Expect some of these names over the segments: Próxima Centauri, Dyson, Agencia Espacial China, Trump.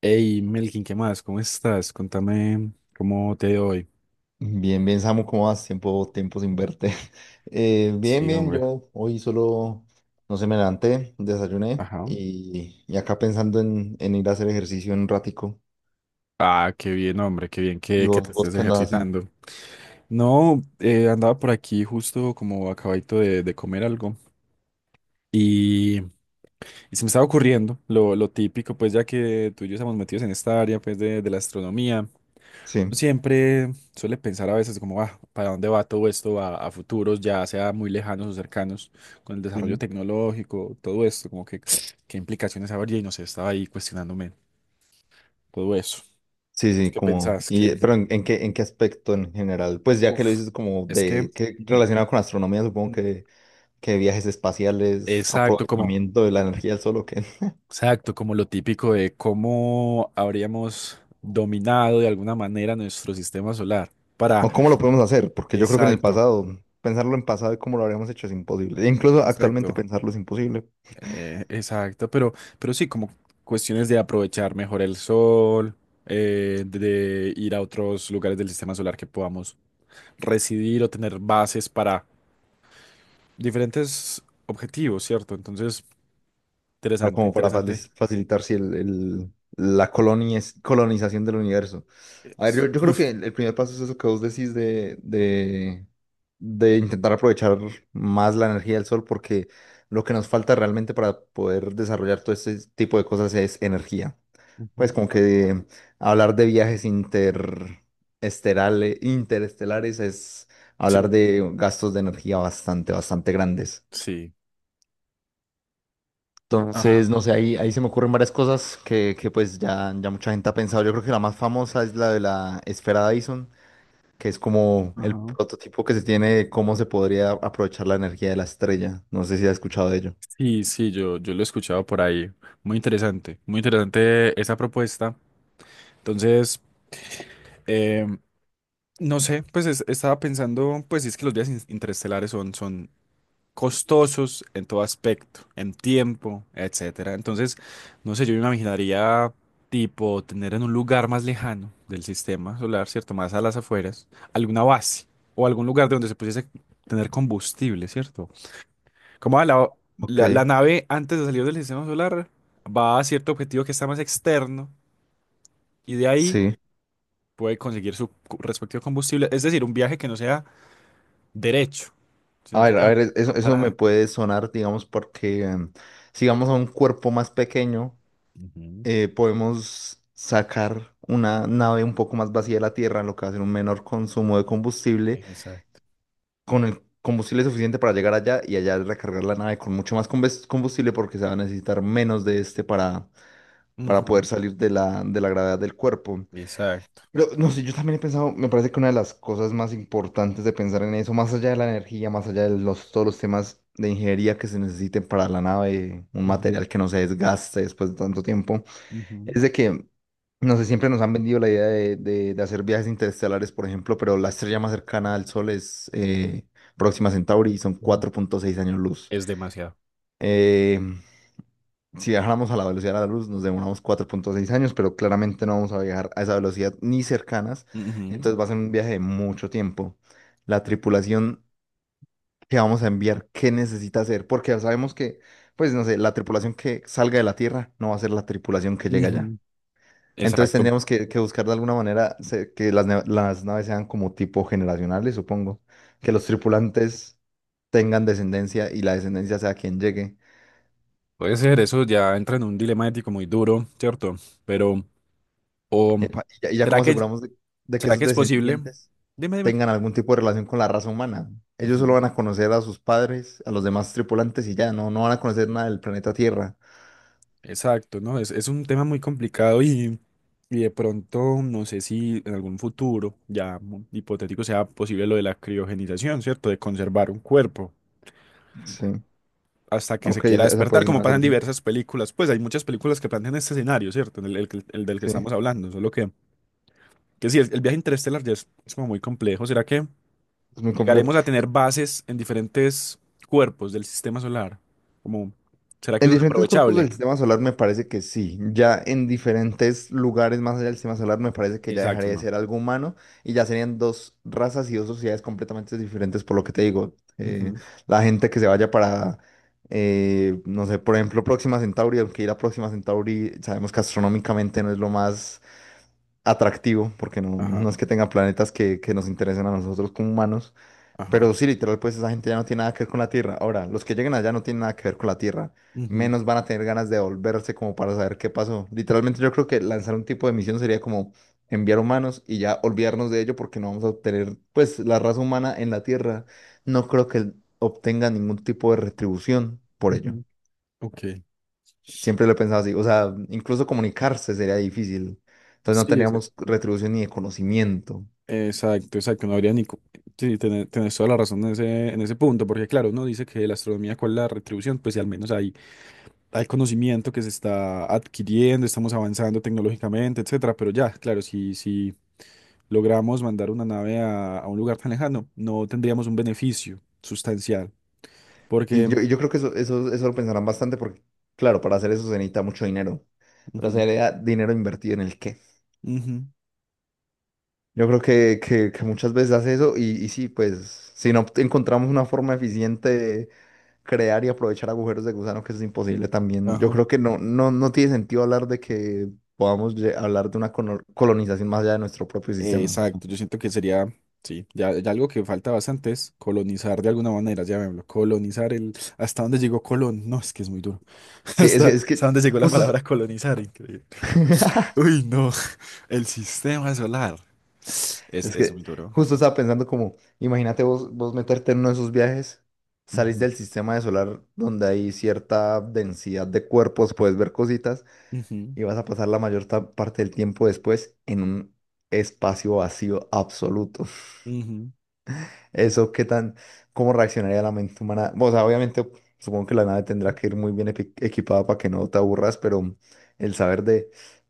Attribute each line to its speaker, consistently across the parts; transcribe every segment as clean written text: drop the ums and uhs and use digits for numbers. Speaker 1: Hey, Melkin, ¿qué más? ¿Cómo estás? Contame cómo te ha ido hoy.
Speaker 2: Bien, bien, Samu, ¿cómo vas? Tiempo, tiempo sin verte. Bien,
Speaker 1: Sí,
Speaker 2: bien,
Speaker 1: hombre.
Speaker 2: yo hoy solo, no sé, me levanté, desayuné
Speaker 1: Ajá.
Speaker 2: y acá pensando en ir a hacer ejercicio en un ratico.
Speaker 1: Ah, qué bien, hombre, qué bien
Speaker 2: ¿Y
Speaker 1: que
Speaker 2: vos,
Speaker 1: te
Speaker 2: vos
Speaker 1: estés
Speaker 2: qué andas haciendo?
Speaker 1: ejercitando. No, andaba por aquí justo como acabadito de comer algo y, y se me estaba ocurriendo lo típico, pues ya que tú y yo estamos metidos en esta área pues de la astronomía.
Speaker 2: Sí,
Speaker 1: Siempre suele pensar a veces como, ah, ¿para dónde va todo esto a futuros, ya sea muy lejanos o cercanos, con el
Speaker 2: sí,
Speaker 1: desarrollo
Speaker 2: sí,
Speaker 1: tecnológico, todo esto, como que qué implicaciones habría? Y no sé, estaba ahí cuestionándome todo eso.
Speaker 2: sí, sí,
Speaker 1: ¿Qué
Speaker 2: como,
Speaker 1: pensás?
Speaker 2: y,
Speaker 1: Que,
Speaker 2: pero ¿en qué aspecto en general? Pues ya que lo
Speaker 1: uf,
Speaker 2: dices como
Speaker 1: es que,
Speaker 2: de, que
Speaker 1: ujú,
Speaker 2: relacionado con astronomía, supongo
Speaker 1: mm,
Speaker 2: que, viajes espaciales,
Speaker 1: exacto, como,
Speaker 2: aprovechamiento de la energía del sol, ¿o qué?
Speaker 1: exacto, como lo típico de cómo habríamos dominado de alguna manera nuestro sistema solar para,
Speaker 2: ¿O cómo lo podemos hacer? Porque yo creo que en el
Speaker 1: exacto,
Speaker 2: pasado, pensarlo en pasado y cómo lo habríamos hecho es imposible. E incluso actualmente
Speaker 1: exacto.
Speaker 2: pensarlo es imposible,
Speaker 1: Exacto, pero sí, como cuestiones de aprovechar mejor el sol, de ir a otros lugares del sistema solar que podamos residir o tener bases para diferentes objetivos, ¿cierto? Entonces,
Speaker 2: ah,
Speaker 1: interesante,
Speaker 2: como para
Speaker 1: interesante.
Speaker 2: facilitar si colonización del universo. A ver, yo,
Speaker 1: Es-
Speaker 2: yo creo que el primer paso es eso que vos decís de intentar aprovechar más la energía del sol, porque lo que nos falta realmente para poder desarrollar todo este tipo de cosas es energía. Pues
Speaker 1: Ujú.
Speaker 2: como que hablar de viajes interestelares es hablar
Speaker 1: Sí,
Speaker 2: de gastos de energía bastante, bastante grandes.
Speaker 1: sí. Ajá,
Speaker 2: Entonces, no sé, ahí se me ocurren varias cosas que pues ya mucha gente ha pensado. Yo creo que la más famosa es la de la esfera Dyson, que es como el
Speaker 1: ajá.
Speaker 2: prototipo que se tiene de cómo se podría aprovechar la energía de la estrella. No sé si has escuchado de ello.
Speaker 1: Sí, sí, yo lo he escuchado por ahí. Muy interesante esa propuesta. Entonces, em, no sé, pues estaba pensando, pues si es que los días interestelares son costosos en todo aspecto, en tiempo, etcétera. Entonces, no sé, yo me imaginaría tipo tener en un lugar más lejano del sistema solar, ¿cierto? Más a las afueras, alguna base o algún lugar de donde se pudiese tener combustible, ¿cierto? Como ah, la,
Speaker 2: Ok.
Speaker 1: la, la nave antes de salir del sistema solar va a cierto objetivo que está más externo y de ahí
Speaker 2: Sí.
Speaker 1: puede conseguir su respectivo combustible, es decir, un viaje que no sea derecho, sino que haya
Speaker 2: A
Speaker 1: una
Speaker 2: ver, eso,
Speaker 1: una
Speaker 2: eso me
Speaker 1: parada.
Speaker 2: puede sonar, digamos, porque si vamos a un cuerpo más pequeño,
Speaker 1: Ujú.
Speaker 2: podemos sacar una nave un poco más vacía de la Tierra, lo que va a ser un menor consumo de combustible,
Speaker 1: Exacto.
Speaker 2: con el combustible suficiente para llegar allá y allá recargar la nave con mucho más combustible porque se va a necesitar menos de este para
Speaker 1: Ujú.
Speaker 2: poder salir de la gravedad del cuerpo.
Speaker 1: Exacto.
Speaker 2: Pero no sé, yo también he pensado, me parece que una de las cosas más importantes de pensar en eso, más allá de la energía, más allá de los, todos los temas de ingeniería que se necesiten para la nave, un
Speaker 1: Ujú,
Speaker 2: material que no se desgaste después de tanto tiempo.
Speaker 1: ujú,
Speaker 2: Es de que, no sé, siempre nos han vendido la idea de hacer viajes interestelares, por ejemplo, pero la estrella más cercana al Sol es Próxima Centauri y son
Speaker 1: ujú.
Speaker 2: 4.6 años luz.
Speaker 1: Es demasiado.
Speaker 2: Eh, si viajáramos a la velocidad de la luz, nos demoramos 4.6 años, pero claramente no vamos a viajar a esa velocidad ni cercanas,
Speaker 1: Ujú,
Speaker 2: entonces va a ser un viaje de mucho tiempo. La tripulación que vamos a enviar, ¿qué necesita hacer? Porque ya sabemos que, pues, no sé, la tripulación que salga de la Tierra no va a ser la tripulación que llega allá.
Speaker 1: ujú.
Speaker 2: Entonces
Speaker 1: Exacto.
Speaker 2: tendríamos que buscar de alguna manera que las naves sean como tipo generacionales, supongo. Que los tripulantes tengan descendencia y la descendencia sea quien llegue.
Speaker 1: Puede ser, eso ya entra en un dilema ético muy duro, ¿cierto? Pero, o,
Speaker 2: Epa, Y ya
Speaker 1: ¿será
Speaker 2: como
Speaker 1: que,
Speaker 2: aseguramos de que
Speaker 1: será
Speaker 2: esos
Speaker 1: que es posible?
Speaker 2: descendientes
Speaker 1: Dime, dime.
Speaker 2: tengan algún tipo de relación con la raza humana. Ellos solo
Speaker 1: Ujú.
Speaker 2: van a conocer a sus padres, a los demás tripulantes y ya, no van a conocer nada del planeta Tierra.
Speaker 1: Exacto, ¿no? Es un tema muy complicado y de pronto no sé si en algún futuro ya hipotético sea posible lo de la criogenización, ¿cierto? De conservar un cuerpo.
Speaker 2: Sí.
Speaker 1: Hasta que se
Speaker 2: Ok,
Speaker 1: quiera
Speaker 2: esa puede
Speaker 1: despertar,
Speaker 2: ser
Speaker 1: como
Speaker 2: una
Speaker 1: pasa en
Speaker 2: solución.
Speaker 1: diversas películas. Pues hay muchas películas que plantean este escenario, ¿cierto? El del que
Speaker 2: Sí.
Speaker 1: estamos hablando, solo que sí, el viaje interestelar ya es como muy complejo. ¿Será que
Speaker 2: Es muy complejo.
Speaker 1: llegaremos a tener bases en diferentes cuerpos del sistema solar? Como, ¿será que
Speaker 2: En
Speaker 1: eso es
Speaker 2: diferentes cuerpos del
Speaker 1: aprovechable?
Speaker 2: sistema solar me parece que sí. Ya en diferentes lugares más allá del sistema solar me parece que ya
Speaker 1: Exacto,
Speaker 2: dejaría de
Speaker 1: no.
Speaker 2: ser algo humano y ya serían dos razas y dos sociedades completamente diferentes por lo que te digo. Eh,
Speaker 1: Ujú.
Speaker 2: la gente que se vaya para, no sé, por ejemplo, Próxima Centauri, aunque ir a Próxima Centauri sabemos que astronómicamente no es lo más atractivo porque no
Speaker 1: Ajá,
Speaker 2: es que tenga planetas que nos interesen a nosotros como humanos.
Speaker 1: ajá.
Speaker 2: Pero sí, literal, pues esa gente ya no tiene nada que ver con la tierra. Ahora, los que lleguen allá no tienen nada que ver con la tierra.
Speaker 1: Ujú,
Speaker 2: Menos van a tener ganas de volverse como para saber qué pasó. Literalmente yo creo que lanzar un tipo de misión sería como enviar humanos y ya olvidarnos de ello porque no vamos a obtener, pues la raza humana en la tierra no creo que obtenga ningún tipo de retribución por ello.
Speaker 1: ujú. Ok.
Speaker 2: Siempre lo he pensado así. O sea, incluso comunicarse sería difícil. Entonces no
Speaker 1: Sí, exacto.
Speaker 2: teníamos retribución ni de conocimiento.
Speaker 1: Exacto, exacto, no habría ni Sí, tenés toda la razón en ese punto, porque claro, uno dice que la astronomía, ¿cuál es la retribución? Pues si al menos hay al conocimiento que se está adquiriendo, estamos avanzando tecnológicamente, etcétera, pero ya, claro, si logramos mandar una nave a un lugar tan lejano, no tendríamos un beneficio sustancial,
Speaker 2: Y
Speaker 1: porque...
Speaker 2: yo, y yo creo que eso lo pensarán bastante porque, claro, para hacer eso se necesita mucho dinero. Pero
Speaker 1: Ujú,
Speaker 2: sería dinero invertido en el qué.
Speaker 1: ujú,
Speaker 2: Yo creo que muchas veces hace eso y sí, pues si no encontramos una forma eficiente de crear y aprovechar agujeros de gusano, que eso es imposible también. Yo
Speaker 1: ajá.
Speaker 2: creo que no tiene sentido hablar de que podamos hablar de una colonización más allá de nuestro propio sistema, ¿no?
Speaker 1: Exacto, yo siento que sería, sí, ya, ya algo que falta bastante es colonizar de alguna manera, llamémoslo, colonizar el, hasta dónde llegó Colón, no, es que es muy duro,
Speaker 2: Sí, es que,
Speaker 1: hasta,
Speaker 2: es
Speaker 1: hasta
Speaker 2: que
Speaker 1: dónde llegó la
Speaker 2: justo
Speaker 1: palabra colonizar, increíble. Uy, no, el sistema solar, es,
Speaker 2: Es
Speaker 1: es
Speaker 2: que
Speaker 1: muy duro.
Speaker 2: justo estaba pensando como, imagínate vos, meterte en uno de esos viajes, salís
Speaker 1: Ujú,
Speaker 2: del sistema de solar donde hay cierta densidad de cuerpos, puedes ver cositas
Speaker 1: ujú,
Speaker 2: y vas a pasar la mayor parte del tiempo después en un espacio vacío absoluto.
Speaker 1: ujú,
Speaker 2: Eso, ¿cómo reaccionaría la mente humana? O sea, obviamente, supongo que la nave tendrá que ir muy bien equipada para que no te aburras, pero el saber de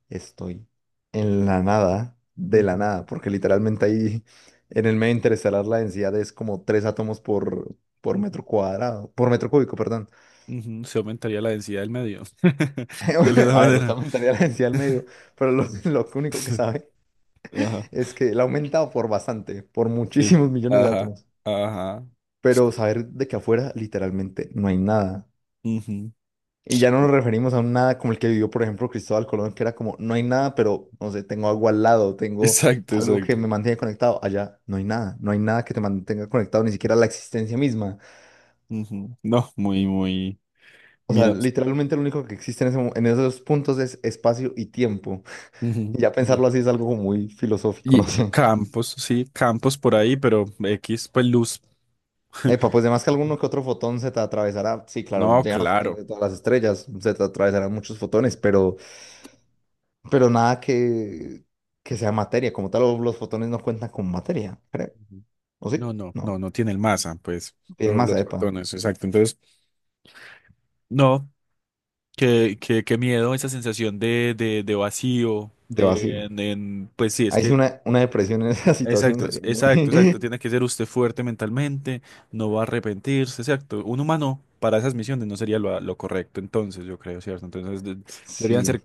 Speaker 2: estoy en la nada, de la
Speaker 1: ujú,
Speaker 2: nada, porque literalmente ahí en el medio interestelar la densidad es como tres átomos por
Speaker 1: ujú,
Speaker 2: metro cuadrado, por metro cúbico, perdón.
Speaker 1: ujú. Se aumentaría la densidad del medio. De alguna
Speaker 2: A ver, usted
Speaker 1: manera.
Speaker 2: aumentaría la densidad al medio, pero lo, lo único que sabe
Speaker 1: Ajá,
Speaker 2: es que la ha aumentado por bastante, por
Speaker 1: sí.
Speaker 2: muchísimos millones de
Speaker 1: Ajá,
Speaker 2: átomos.
Speaker 1: ajá.
Speaker 2: Pero saber de que afuera literalmente no hay nada.
Speaker 1: Ujú.
Speaker 2: Y ya no nos referimos a un nada como el que vivió, por ejemplo, Cristóbal Colón, que era como, no hay nada, pero, no sé, tengo agua al lado, tengo
Speaker 1: Exacto,
Speaker 2: algo que
Speaker 1: exacto.
Speaker 2: me mantiene conectado. Allá no hay nada, no hay nada que te mantenga conectado, ni siquiera la existencia misma.
Speaker 1: Ujú. No, muy, muy
Speaker 2: O sea,
Speaker 1: miedoso.
Speaker 2: literalmente lo único que existe en esos puntos es espacio y tiempo.
Speaker 1: Ujú,
Speaker 2: Y ya
Speaker 1: ujú.
Speaker 2: pensarlo así es algo como muy filosófico, no
Speaker 1: Y
Speaker 2: sé.
Speaker 1: campos, sí, campos por ahí, pero X, pues luz.
Speaker 2: Epa, pues además que alguno que otro fotón se te atravesará. Sí, claro,
Speaker 1: No,
Speaker 2: llegan los fotones
Speaker 1: claro.
Speaker 2: de todas las estrellas, se te atravesarán muchos fotones, pero. Pero nada que sea materia. Como tal, los fotones no cuentan con materia, creo.
Speaker 1: Ujú.
Speaker 2: ¿O sí?
Speaker 1: No, no, no,
Speaker 2: No.
Speaker 1: no tiene el masa, pues,
Speaker 2: Tienen masa,
Speaker 1: los
Speaker 2: epa,
Speaker 1: fotones, exacto. Entonces, no. Qué miedo, esa sensación de vacío.
Speaker 2: de vacío.
Speaker 1: Pues sí, es
Speaker 2: Ahí sí
Speaker 1: que...
Speaker 2: una depresión en esa situación
Speaker 1: Exacto,
Speaker 2: sería muy.
Speaker 1: exacto, exacto. Tiene que ser usted fuerte mentalmente, no va a arrepentirse, exacto. Un humano para esas misiones no sería lo correcto, entonces yo creo, ¿cierto? Entonces deberían
Speaker 2: Sí,
Speaker 1: ser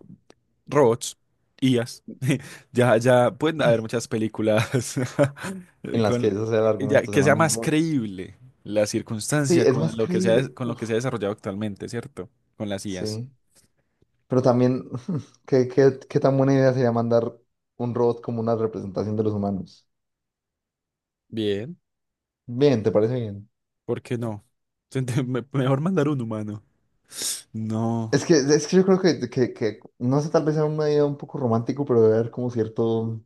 Speaker 1: robots, IAs. Ya, ya pueden haber muchas películas
Speaker 2: en las que
Speaker 1: con,
Speaker 2: ese sea el
Speaker 1: ya,
Speaker 2: argumento, se
Speaker 1: que sea
Speaker 2: manda un
Speaker 1: más
Speaker 2: robot.
Speaker 1: creíble la
Speaker 2: Sí,
Speaker 1: circunstancia
Speaker 2: es más creíble.
Speaker 1: con lo
Speaker 2: Uf,
Speaker 1: que se ha desarrollado actualmente, ¿cierto? Con las IAs.
Speaker 2: sí. Pero también, ¿qué tan buena idea sería mandar un robot como una representación de los humanos?
Speaker 1: Bien.
Speaker 2: Bien, ¿te parece bien?
Speaker 1: ¿Por qué no? Mejor mandar un humano. No.
Speaker 2: Es que yo creo que, no sé, tal vez sea una idea un poco romántico, pero debe haber como cierto,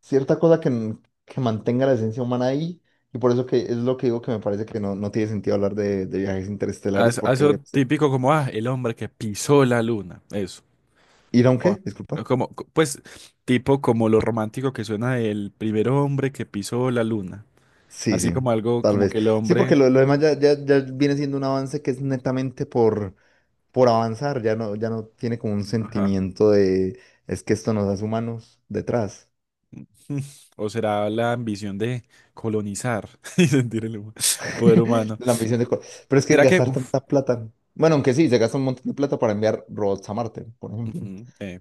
Speaker 2: cierta cosa que, que mantenga la esencia humana ahí. Y por eso que es lo que digo que me parece que no tiene sentido hablar de viajes interestelares,
Speaker 1: Haz- haz
Speaker 2: porque
Speaker 1: Eso típico como, ah, el hombre que pisó la Luna. Eso.
Speaker 2: ¿ir a un
Speaker 1: O-
Speaker 2: qué?
Speaker 1: o
Speaker 2: Disculpa.
Speaker 1: Como, pues, tipo como lo romántico que suena el primer hombre que pisó la Luna.
Speaker 2: Sí,
Speaker 1: Así
Speaker 2: sí,
Speaker 1: como algo
Speaker 2: tal
Speaker 1: como
Speaker 2: vez.
Speaker 1: que el
Speaker 2: Sí, porque
Speaker 1: hombre.
Speaker 2: lo demás ya, viene siendo un avance que es netamente por avanzar, ya no tiene como un
Speaker 1: Ajá.
Speaker 2: sentimiento de es que esto nos hace humanos detrás.
Speaker 1: O será la ambición de colonizar y sentir el poder
Speaker 2: de
Speaker 1: humano.
Speaker 2: la misión de. Pero es que
Speaker 1: ¿Será que.
Speaker 2: gastar
Speaker 1: uf,
Speaker 2: tanta plata. Bueno, aunque sí, se gasta un montón de plata para enviar robots a Marte, por ejemplo.
Speaker 1: Ujú.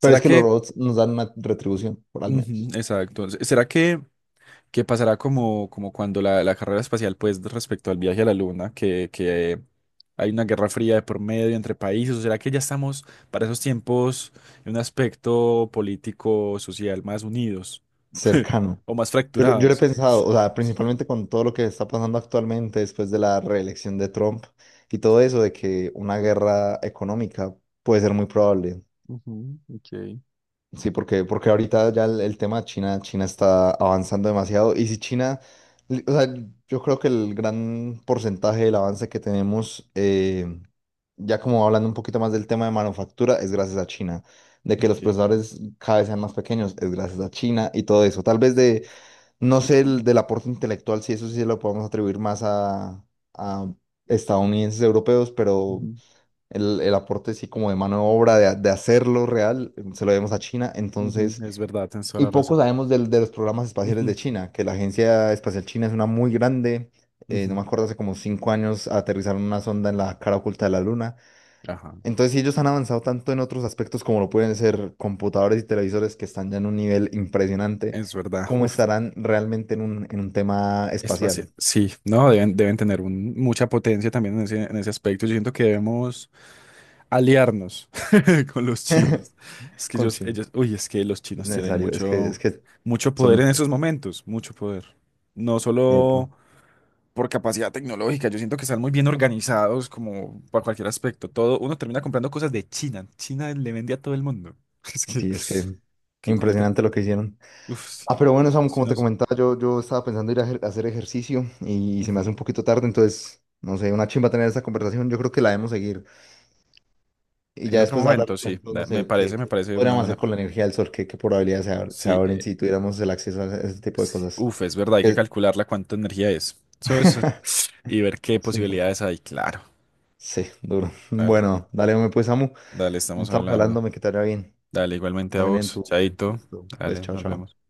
Speaker 2: Pero es que los
Speaker 1: que.
Speaker 2: robots nos dan una retribución, por al
Speaker 1: Ujú,
Speaker 2: menos,
Speaker 1: exacto. ¿Será que pasará como cuando la carrera espacial, pues respecto al viaje a la Luna, que hay una guerra fría de por medio entre países, o será que ya estamos para esos tiempos en un aspecto político, social más unidos
Speaker 2: cercano.
Speaker 1: o más
Speaker 2: Yo lo he
Speaker 1: fracturados?
Speaker 2: pensado, o sea, principalmente con todo lo que está pasando actualmente después de la reelección de Trump y todo eso, de que una guerra económica puede ser muy probable.
Speaker 1: Ujú, ok,
Speaker 2: Sí, porque ahorita ya el tema de China, China está avanzando demasiado. Y si China, o sea, yo creo que el gran porcentaje del avance que tenemos, ya como hablando un poquito más del tema de manufactura, es gracias a China. De que los
Speaker 1: ok.
Speaker 2: procesadores cada vez sean más pequeños, es gracias a China y todo eso. Tal vez
Speaker 1: Sí.
Speaker 2: de, no sé,
Speaker 1: Ujú,
Speaker 2: del aporte intelectual, si eso sí se lo podemos atribuir más a, estadounidenses, europeos, pero
Speaker 1: ujú,
Speaker 2: el aporte sí como de mano de obra, de hacerlo real, se lo debemos a China.
Speaker 1: ujú.
Speaker 2: Entonces,
Speaker 1: Es verdad, tienes toda
Speaker 2: y
Speaker 1: la
Speaker 2: poco
Speaker 1: razón.
Speaker 2: sabemos de los programas espaciales de
Speaker 1: Ujú,
Speaker 2: China, que la Agencia Espacial China es una muy grande. No
Speaker 1: ujú.
Speaker 2: me acuerdo, hace como 5 años aterrizaron una sonda en la cara oculta de la Luna.
Speaker 1: Ajá,
Speaker 2: Entonces, si ellos han avanzado tanto en otros aspectos como lo pueden ser computadores y televisores que están ya en un nivel impresionante,
Speaker 1: es verdad.
Speaker 2: ¿cómo
Speaker 1: Uf,
Speaker 2: estarán realmente en un tema
Speaker 1: espacial.
Speaker 2: espacial?
Speaker 1: Sí, no, deben tener mucha potencia también en ese aspecto. Yo siento que debemos aliarnos con los chinos. Es que
Speaker 2: con
Speaker 1: ellos,
Speaker 2: China
Speaker 1: ellos, uy, es que los
Speaker 2: es
Speaker 1: chinos tienen
Speaker 2: necesario, es que, es
Speaker 1: mucho,
Speaker 2: que
Speaker 1: mucho
Speaker 2: son
Speaker 1: poder
Speaker 2: muy
Speaker 1: en esos
Speaker 2: fuertes.
Speaker 1: momentos, mucho poder. No
Speaker 2: Epa.
Speaker 1: solo por capacidad tecnológica, yo siento que están muy bien organizados como para cualquier aspecto. Todo, uno termina comprando cosas de China. China le vende a todo el mundo. Es que,
Speaker 2: Sí, es que
Speaker 1: que con el que,
Speaker 2: impresionante lo que hicieron.
Speaker 1: uf, sí,
Speaker 2: Ah, pero bueno, Samu,
Speaker 1: los
Speaker 2: como te
Speaker 1: chinos.
Speaker 2: comentaba, yo estaba pensando ir a hacer ejercicio y, se me hace un
Speaker 1: Ujú.
Speaker 2: poquito tarde, entonces, no sé, una chimba tener esta conversación, yo creo que la debemos seguir. Y
Speaker 1: En
Speaker 2: ya
Speaker 1: otro
Speaker 2: después hablar,
Speaker 1: momento,
Speaker 2: por
Speaker 1: sí,
Speaker 2: ejemplo, no sé, qué,
Speaker 1: me
Speaker 2: qué
Speaker 1: parece una
Speaker 2: podríamos
Speaker 1: buena.
Speaker 2: hacer con la energía del sol, qué probabilidades se
Speaker 1: Sí,
Speaker 2: abren si tuviéramos el acceso a ese tipo de cosas.
Speaker 1: uf, es verdad, hay que
Speaker 2: Es,
Speaker 1: calcularla cuánta energía es. Eso. Es Y ver qué
Speaker 2: es importante.
Speaker 1: posibilidades hay. Claro.
Speaker 2: Sí, duro.
Speaker 1: Dale,
Speaker 2: Bueno, dale, hombre, pues, Samu,
Speaker 1: dale, estamos
Speaker 2: estamos
Speaker 1: hablando.
Speaker 2: hablándome que te vaya bien,
Speaker 1: Dale, igualmente a
Speaker 2: también en
Speaker 1: vos,
Speaker 2: tu día.
Speaker 1: Chaito.
Speaker 2: Listo. Pues,
Speaker 1: Dale,
Speaker 2: chao,
Speaker 1: nos
Speaker 2: chao.
Speaker 1: vemos.